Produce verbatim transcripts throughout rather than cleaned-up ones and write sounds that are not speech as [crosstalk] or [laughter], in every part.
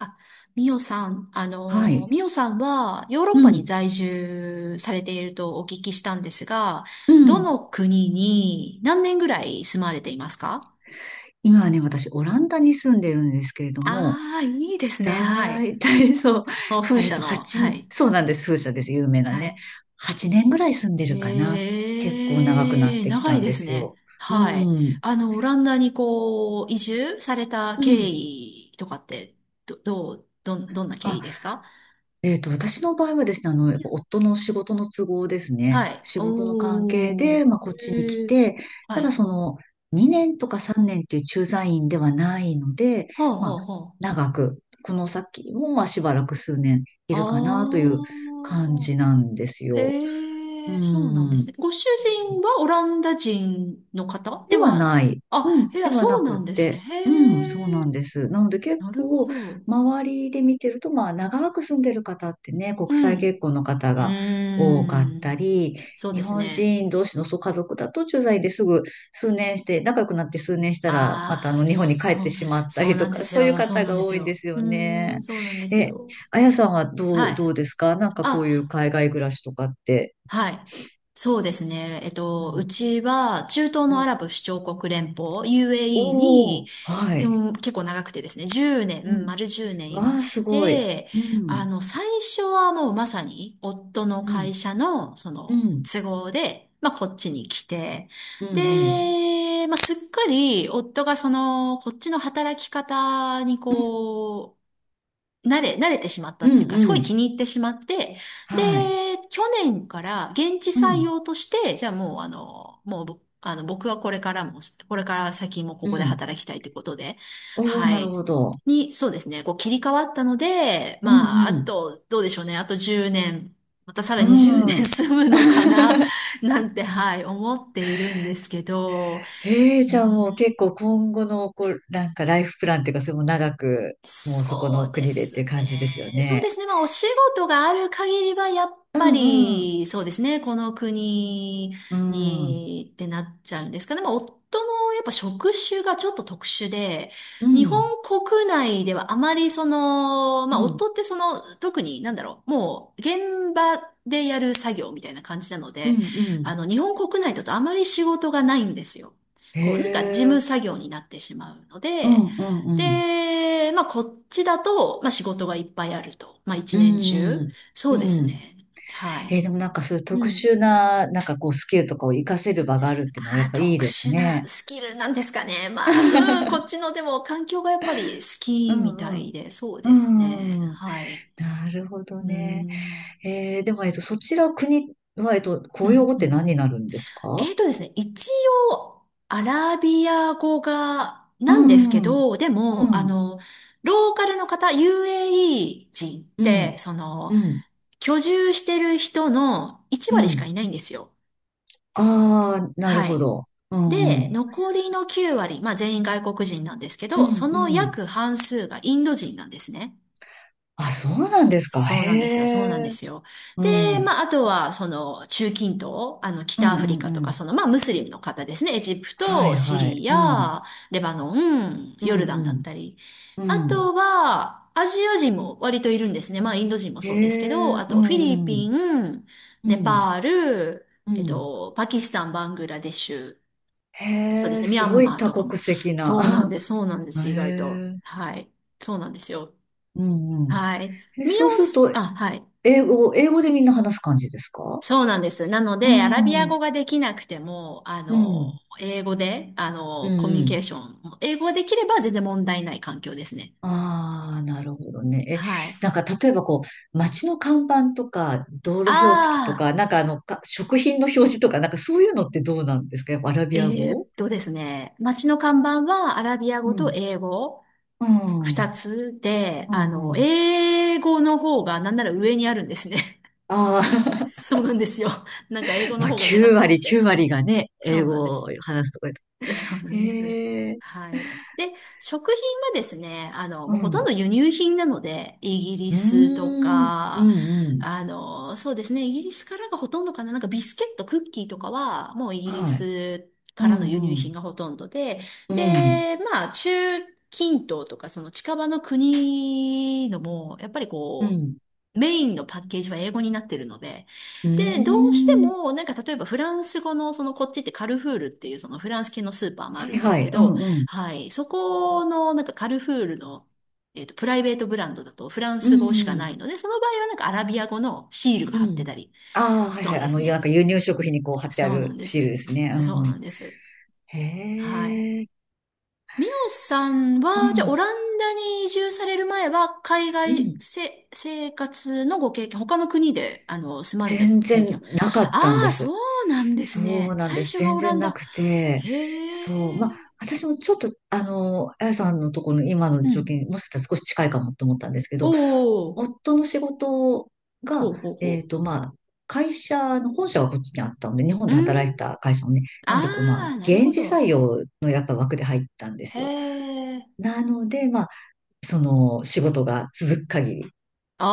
あ、ミオさん、あはの、い。ミオさんはヨーロッうパにん。在住されているとお聞きしたんですが、うどん。の国に何年ぐらい住まれていますか？今はね、私、オランダに住んでるんですけれども、ああー、いいですね。はい。だいたいそう、この風あえっ車と、の、ははち、い。そうなんです、風車です、有名なはね。い。はちねんぐらい住んでるかな。結構長くなっええ、てき長たいんでですすね。よ。うはい。ん。あの、オランダにこう、移住されたう経ん。緯とかって、ど、どう、どん、どんな経緯あ、ですか？えっと、私の場合はですね、あの、やっぱ夫の仕事の都合ですね、はい。仕事の関係おー。で、まあ、こっちえに来ーて、はただそい。の、にねんとかさんねんという駐在員ではないので、はあ、まはあ、あ、は長く、この先も、まあ、しばらく数年いあ。るかなという感あじなんですあ。よ。うへえ、そうなんですん。ね。ご主人はオランダ人の方でではは？ない。うん、あ、へでえ、はそなうくっなんですね。て、うん、そうへなえ、んです。なので結なるほ構、ど。周りで見てると、まあ、長く住んでる方ってね、国う際ん。結婚の方うが多かっーたん。り、そうで日す本ね。人同士のそう家族だと駐在ですぐ数年して、仲良くなって数年したら、またあああ、の日本に帰っそてう、しまったそうりなとんでか、すそういうよ。そう方なんがです多いんでよ。すようーね。ん、そうなんですえ、よ。あやさんはどはう、どい。うですか？なんかこういうあ、海外暮らしとかって。はい。そうですね。えっうと、うん。ちは中東うのアラん、ブ首長国連邦 ユーエーイー おに、ー、はい。うん、結構長くてですね、じゅうねん、うん丸じゅうねんいわまあ、すしごい。て、うあん、の、最初はもうまさに夫のうん、会社のそうのん、都合で、まあこっちに来て、うん、うん、で、まあすっかり夫がそのこっちの働き方にうん、こう、慣れ、慣れてしまったうっていうん、か、すごういん、気に入ってしまって、で、はい。去年から現地う採ん、用として、じゃあもうあの、もうぼ、あの、僕はこれからも、これから先もこうこでん、働きたいってことで、おお、はなるい。ほど。に、そうですね、こう切り替わったので、うまあ、あん、うん。と、どうでしょうね、あとじゅうねん、またさうらにじゅうねん [laughs] ん。住むのかな、なんて、はい、思っているんですけど、ええ、うじゃあもうん結構今後の、こう、なんかライフプランっていうか、それも長く、もうそこそうので国でっすていうね。感じですよそうね。ですね。まあ、お仕事がある限りは、やっうぱんうん。り、そうですね。この国うん。うんに、ってなっちゃうんですかね。まあ、夫の、やっぱ職種がちょっと特殊で、う日本ん国内ではあまり、その、まあ、夫ってその、特に、なんだろう、もう、現場でやる作業みたいな感じなのうんで、うあん、の、日本国内だとあまり仕事がないんですよ。へこう、なんか事務え。作業になってしまうのうで、んうんうん。で、まあ、こっちだと、まあ、仕事がいっぱいあると。まあ、一う年中。んそうですうん、ね。はい。えーでもなんかそういうう特ん。殊な、なんかこうスキルとかを活かせる場があるっていうのはやああ、っぱいい特です殊なね。スキルなんですかね。まあ、うん、こっち [laughs] のでも環境がやっぱり好うきみたんうん。いで、そうですね。うん。はい。なるほどうね。ん。えーでも、えっと、そちら国は、えっと、う公用ん、語っうて何ん。になるんですえか？ーとですね、一応、アラビア語が、うなんですけん。うん。ど、でも、あの、ローカルの方、ユーエーイー 人っうん。て、その、うん。居住してる人のいちう割しかん。いないんですよ。ああ、なるはほい。ど。うん。うで、ん。残りのきゅう割、まあ全員外国人なんですけうど、そん。のうん、約半数がインド人なんですね。あ、そうなんですか。そうへなんですよ。そうなんでえ。すよ。うで、ん。まあ、あとは、その、中近東、あの、う北アん。フリうん。カとうか、ん。その、まあ、ムスリムの方ですね。エジプはト、いシはい。リうん。ア、レバノン、うヨん。ルダンだったり。うん。あうん。とは、アジア人も割といるんですね。まあ、インド人もへそうですけど、え、あうと、フィリんうピん、ン、うネん、パール、うえっん。と、パキスタン、バングラデシュ、そうでへすえ、ね、ミすャンごいマー多とかも。国籍そうなんな。です、そうなんで [laughs] へす、意外と。え、はい。そうなんですよ。うんうん。はい。え、ミそうオするス、と、あ、はい。英語、英語でみんな話す感じですか？そうなんです。なのうで、アラビアん、う語ん、ができなくても、あうの、ん、英語で、あうの、コミュニケん。ーション、英語ができれば全然問題ない環境ですね。ああ、なるほどね。え、はい。なんか例えばこう、街の看板とか、道路標識とあか、あ、なんかあの、か食品の表示とか、なんかそういうのってどうなんですか？やっぱアラビアえー語？っとですね、街の看板はアラビアう語とん、英語う二ん、つで、うあん、うの、ん。英語の方がなんなら上にあるんですね。あ [laughs] あ、そうなんですよ。なんか英語まのあ、方が目立っきゅうちゃっ割、きゅうて。割がね、そ英うなんで語す。を話すとか [laughs] そうな言んです。へえ、はい。で、食品はですね、あの、うもうほとんん。ど輸入品なので、イギリうースとん、うん、か、うん。あの、そうですね、イギリスからがほとんどかな、なんかビスケット、クッキーとかは、もうイギリはい。スうからの輸ん、入う品ん、がほとんどで、うん、で、まあ、中近東とか、その近場の国のも、やっぱりうこん。う、メインのパッケージは英語になってるので、うで、ーどうしてん。も、なんか例えばフランス語の、そのこっちってカルフールっていうそのフランス系のスーパーもあはるいんではすい、けうど、ん、うん。はい、そこのなんかカルフールの、えっと、プライベートブランドだとフランうス語しかなん、いので、その場合はなんかアラビア語のシールがう貼ってん。たりああ、はいとはかい。であすの、なんね。か輸入食品にこう貼ってあそうなるんでシールです。すね。うそうなん。んです。へはい。え、ミオさんうは、じゃあ、オん、ランダに移住される前は、海う外ん。せ、生活のご経験、他の国で、あの、住まれた全経然験。なかっあたんであ、そす。うなんですそね。うなんで最す。初が全オラ然ンなダ。くて。へそう。まあ、え。私もちょっと、あの、あやさんのところの今のう状況ん。にもしかしたら少し近いかもと思ったんですけおど、お、夫の仕事ほが、うほうえほっと、まあ、会社の本社はこっちにあったので、日本う。で働ういん。てた会社のね、なのあで、こう、まあ、あ、なる現ほ地ど。採用のやっぱ枠で入ったんですへよ。え。なので、まあ、その仕事が続く限り。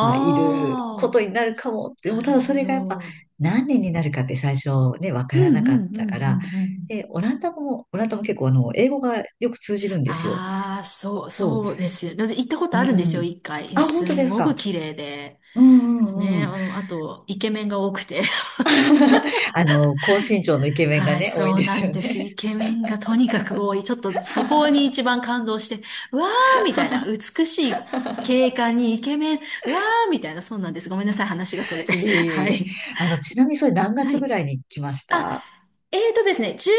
まあ、いることあ、になるかもって、でもなたるだそほれがやっぱど。何年になるかって最初ね、わうからんうなかっんうたかんうら、んうん。で、オランダ語も、オランダも結構あの、英語がよく通じるんですよ。ああ、そう、そそうですよ。で行ったことう。あうるんですよ、ん。いっかい。いやあ、本す当でんすごか？く綺麗で。うんでうすね。んうん。あの、あと、イケメンが多くて。あの、高身長のイケ [laughs] メンがはい、ね、多いんそうでなすんよです。ね。イケメンがとにかく多い。ちょっとそこに一番感動して、うわーみたいな、美しい景観にイケメン、うわーみたいな、そうなんです。ごめんなさい、話がそれ [laughs] て。いえい [laughs] えはいえ。い。あの、ちなみにそれ何は月ぐい。らいに来ましあ、た？えーとですね、10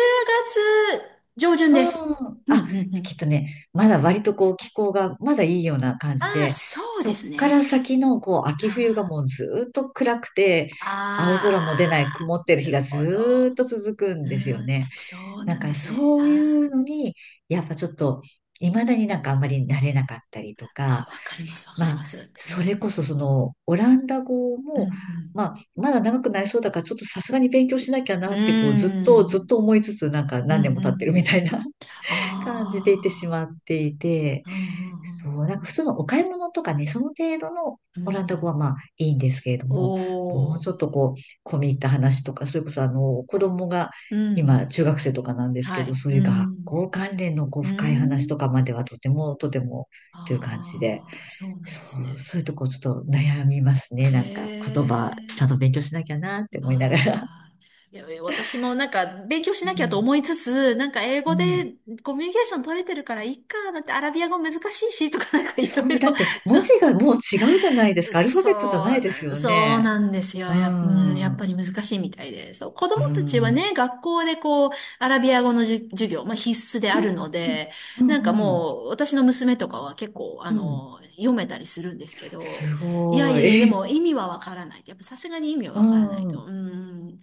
月上旬うです。ん。うん、あ、うん、うきっん。とね、まだ割とこう気候がまだいいような感あじあ、で、そうそでっすかね。ら先のこう秋冬があもうーずーっと暗くて、青空も出ないあ曇っあ、てなる日るがほずど。ーっと続くんうですよん、ね。そうななんんでかすね。そういあうーのに、やっぱちょっと未だになんかあんまり慣れなかったりとあ、か、わかります、わかりまあ、ます。うそれこん、そそのオランダ語うも、ん、まあ、まだ長くなりそうだから、ちょっとさすがに勉強しなきゃうなん。って、こうう、ずっと、ずっん、と思いつつ、なんかう何年ん、もう経ってるん。みたいな感じていってしまあっていて、あ、うん、うそん、う、なんか普通のお買い物とかね、その程度のうん、うオラんンうダ語ん。はまあいいんですけれどおも、もうお、ちょっとこう、込み入った話とか、それこそあの、子供がう今ん、中学生とかなんですはけど、い、そうういう学ん、校関連のこう、う深い話とかん。まではとてもとてもという感じで、ああ、そうなんそですね。う、そういうとこちょっと悩みますね。なんか言葉ちゃんええと勉強しなきゃなって思いながら。ああ、いや、いや私もなんか勉強しうなきゃとん。思いつつ、なんか英う語でん。コミュニケーション取れてるからいいか、だってアラビア語難しいしとかなんかいろいそう、だろ、ってそう、文字がもう違うじゃないですか。アルファそベットじゃなういですな、よそうね。なんですよ。うや、うん、やっん。うぱん。り難しいみたいで。そう、子う供たちはん。ね、学校でこう、アラビア語のじゅ授業、まあ必須であるので、うなんかん。うん。もう、私の娘とかは結構、あうん、の、読めたりするんですけど、すいやごいや、でい。え、も意味はわからないって。やっぱさすがに意味はうわからないと、ん。うん、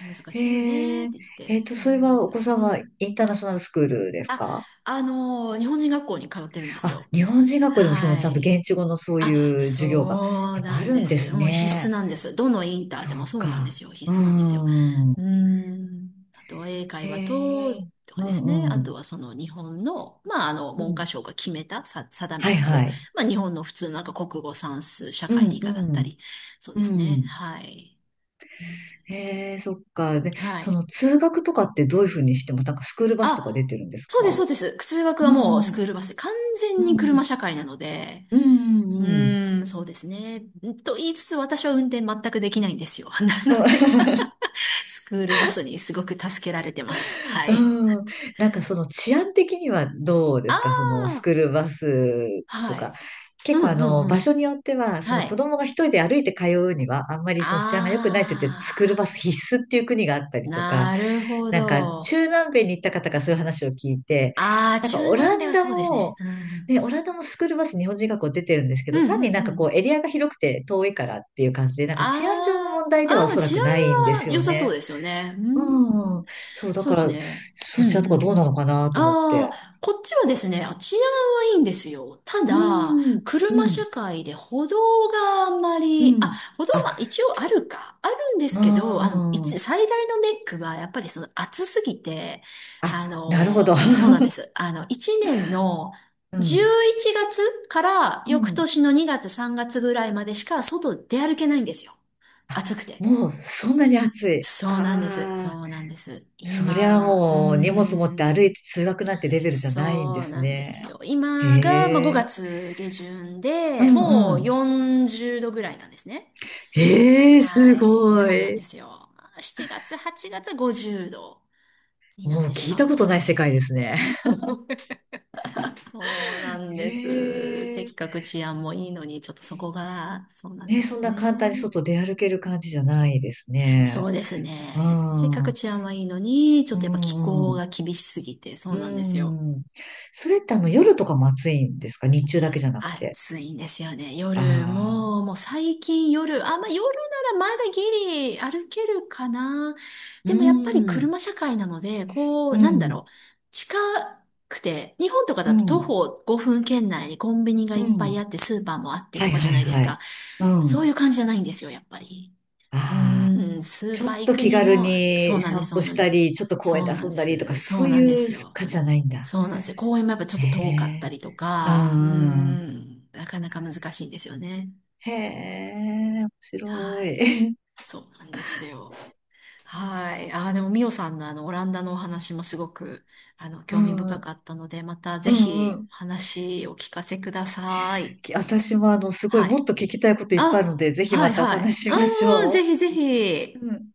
難しいよねへっえ。て言っえて、っと、そうそなれんではおす。子うさんはん。インターナショナルスクールですあ、か？あの、日本人学校に通ってるんですあ、よ。日本人学校でもそのはちゃんとい。現地語のそうあ、いう授業が。そうやっぱなあんるでんです。すもう必須ね。なんです。どのインターそでもうそうなんでか。すよ。う必須なんですよ。ん。うーん。あとは英会へ話と、え。とかうですね。んあうん。とはその日本の、まあ、あの、う文科ん。省が決めた、さ、定めはいた、はこい。う、まあ、日本の普通のなんか国語、算数、社う会、ん理科うだったん。り。そううですね。ん。はい。うんへえ、そっか。で、はそい。の通学とかってどういうふうにしてます？なんかスクールバスとか出あ、てるんですそうです、か？そうです。通学うはもうスん、うん、クールバスで、完う全に車ん、社会なので、ううん、うん。ーん、そうですね。と言いつつ私は運転全くできないんですよ。[laughs] なので、[laughs] [laughs] スクールバスにすごく助けられてます。はい。うん、なんかその治安的にはどうですか？そあのスクールバスあ、とはか。い。う結構あんうんのう場所ん。によっては、そのは子い。供が一人で歩いて通うには、あんまりその治安が良くないって言って、あスクールバス必須っていう国があったあ、りとか、なるほなんかど。中南米に行った方がそういう話を聞いて、ああ、なんか中オラ南米ンはダそうですね。も、うん。ね、オランダもスクールバス日本人学校出てるんですけうど、ん単にうなんんうかこうん。エリアが広くて遠いからっていう感じで、なんか治安上のあ問題あ、あではおあ、そら治安くないんですは良よさそうね。ですよね。うんうん。そう、だそうかですら、ね。うそんちらとかうんどううなのん。かなと思っあて。あ、こっちはですね、あ治安はいいんですよ。ただ、うん、う車ん、社会で歩道があんまうり、あ、ん。歩道あ、は一応あるか、あるんですうけど、あの、一、ん。最大のネックはやっぱりその暑すぎて、あ、あなるほど。の、そうなんで [laughs] す。あの、いちねんのうん。じゅういちがつからう翌ん。年のにがつさんがつぐらいまでしか外出歩けないんですよ。暑くて。もう、そんなに暑い？そうなんです。あそうあ。なんです。そりゃ今、うもう荷物持っーてん、歩いて通学なんてレベルじゃないんでそうすなんでね。すよ。へ今が、まあ、5え。月下旬うで、んもううん。よんじゅうどぐらいなんですね。へえ、はすい、ごそうなんい。ですよ。ましちがつ、はちがつはごじゅうどになっもうてし聞いまたうこのとない世界でで。すね。[laughs] そうなんです。せへっかえ。く治安もいいのに、ちょっとそこが、そうなんでね、すそんよな簡単にね。外出歩ける感じじゃないですそね。うですうね。せっかん。くう治安はいいのに、ちょっとやっぱ気ん候うん。が厳しすぎて、そううなんですよ。ん。それってあの夜とかも暑いんですか？日中だけじゃなくて。暑いんですよね。あ夜、もう、あ。もう最近夜、あ、まあ夜ならまだギリ歩けるかな。うでもやっぱりん。車社会なので、こう、うなんだん。ろう。近くて、日本とかうだと徒ん。歩ごふん圏内にコンビニがいうっぱいん。あって、スーパーもあってはといかじはゃいないですはか。い。うそうん。いう感じじゃないんですよ、やっぱり。うああ、ーん、スーちょパーっ行とく気に軽も、そにうなんです、散そう歩なしんでたす。り、ちょっと公そ園うでなん遊んでだりとか、す、そそううなんでいうすよ。かじゃないんだ。そうなんですよ。公園もやっぱちょっへと遠かったえ、りとうか、うーん。ん、なかなか難しいんですよね。へえ、面白はい。い。そうなんですよ。はい。あー、でもミオさんのあの、オランダのお話もすごく、あの、[laughs] う興味ん、深かったので、またうぜん、うひん。お話を聞かせください。き私もあの、すごいはもい。っと聞きたいこといっぱいあるのあ、で、ぜひはまいたおはい。話ししましうーん、ぜょひぜひ。う。うん。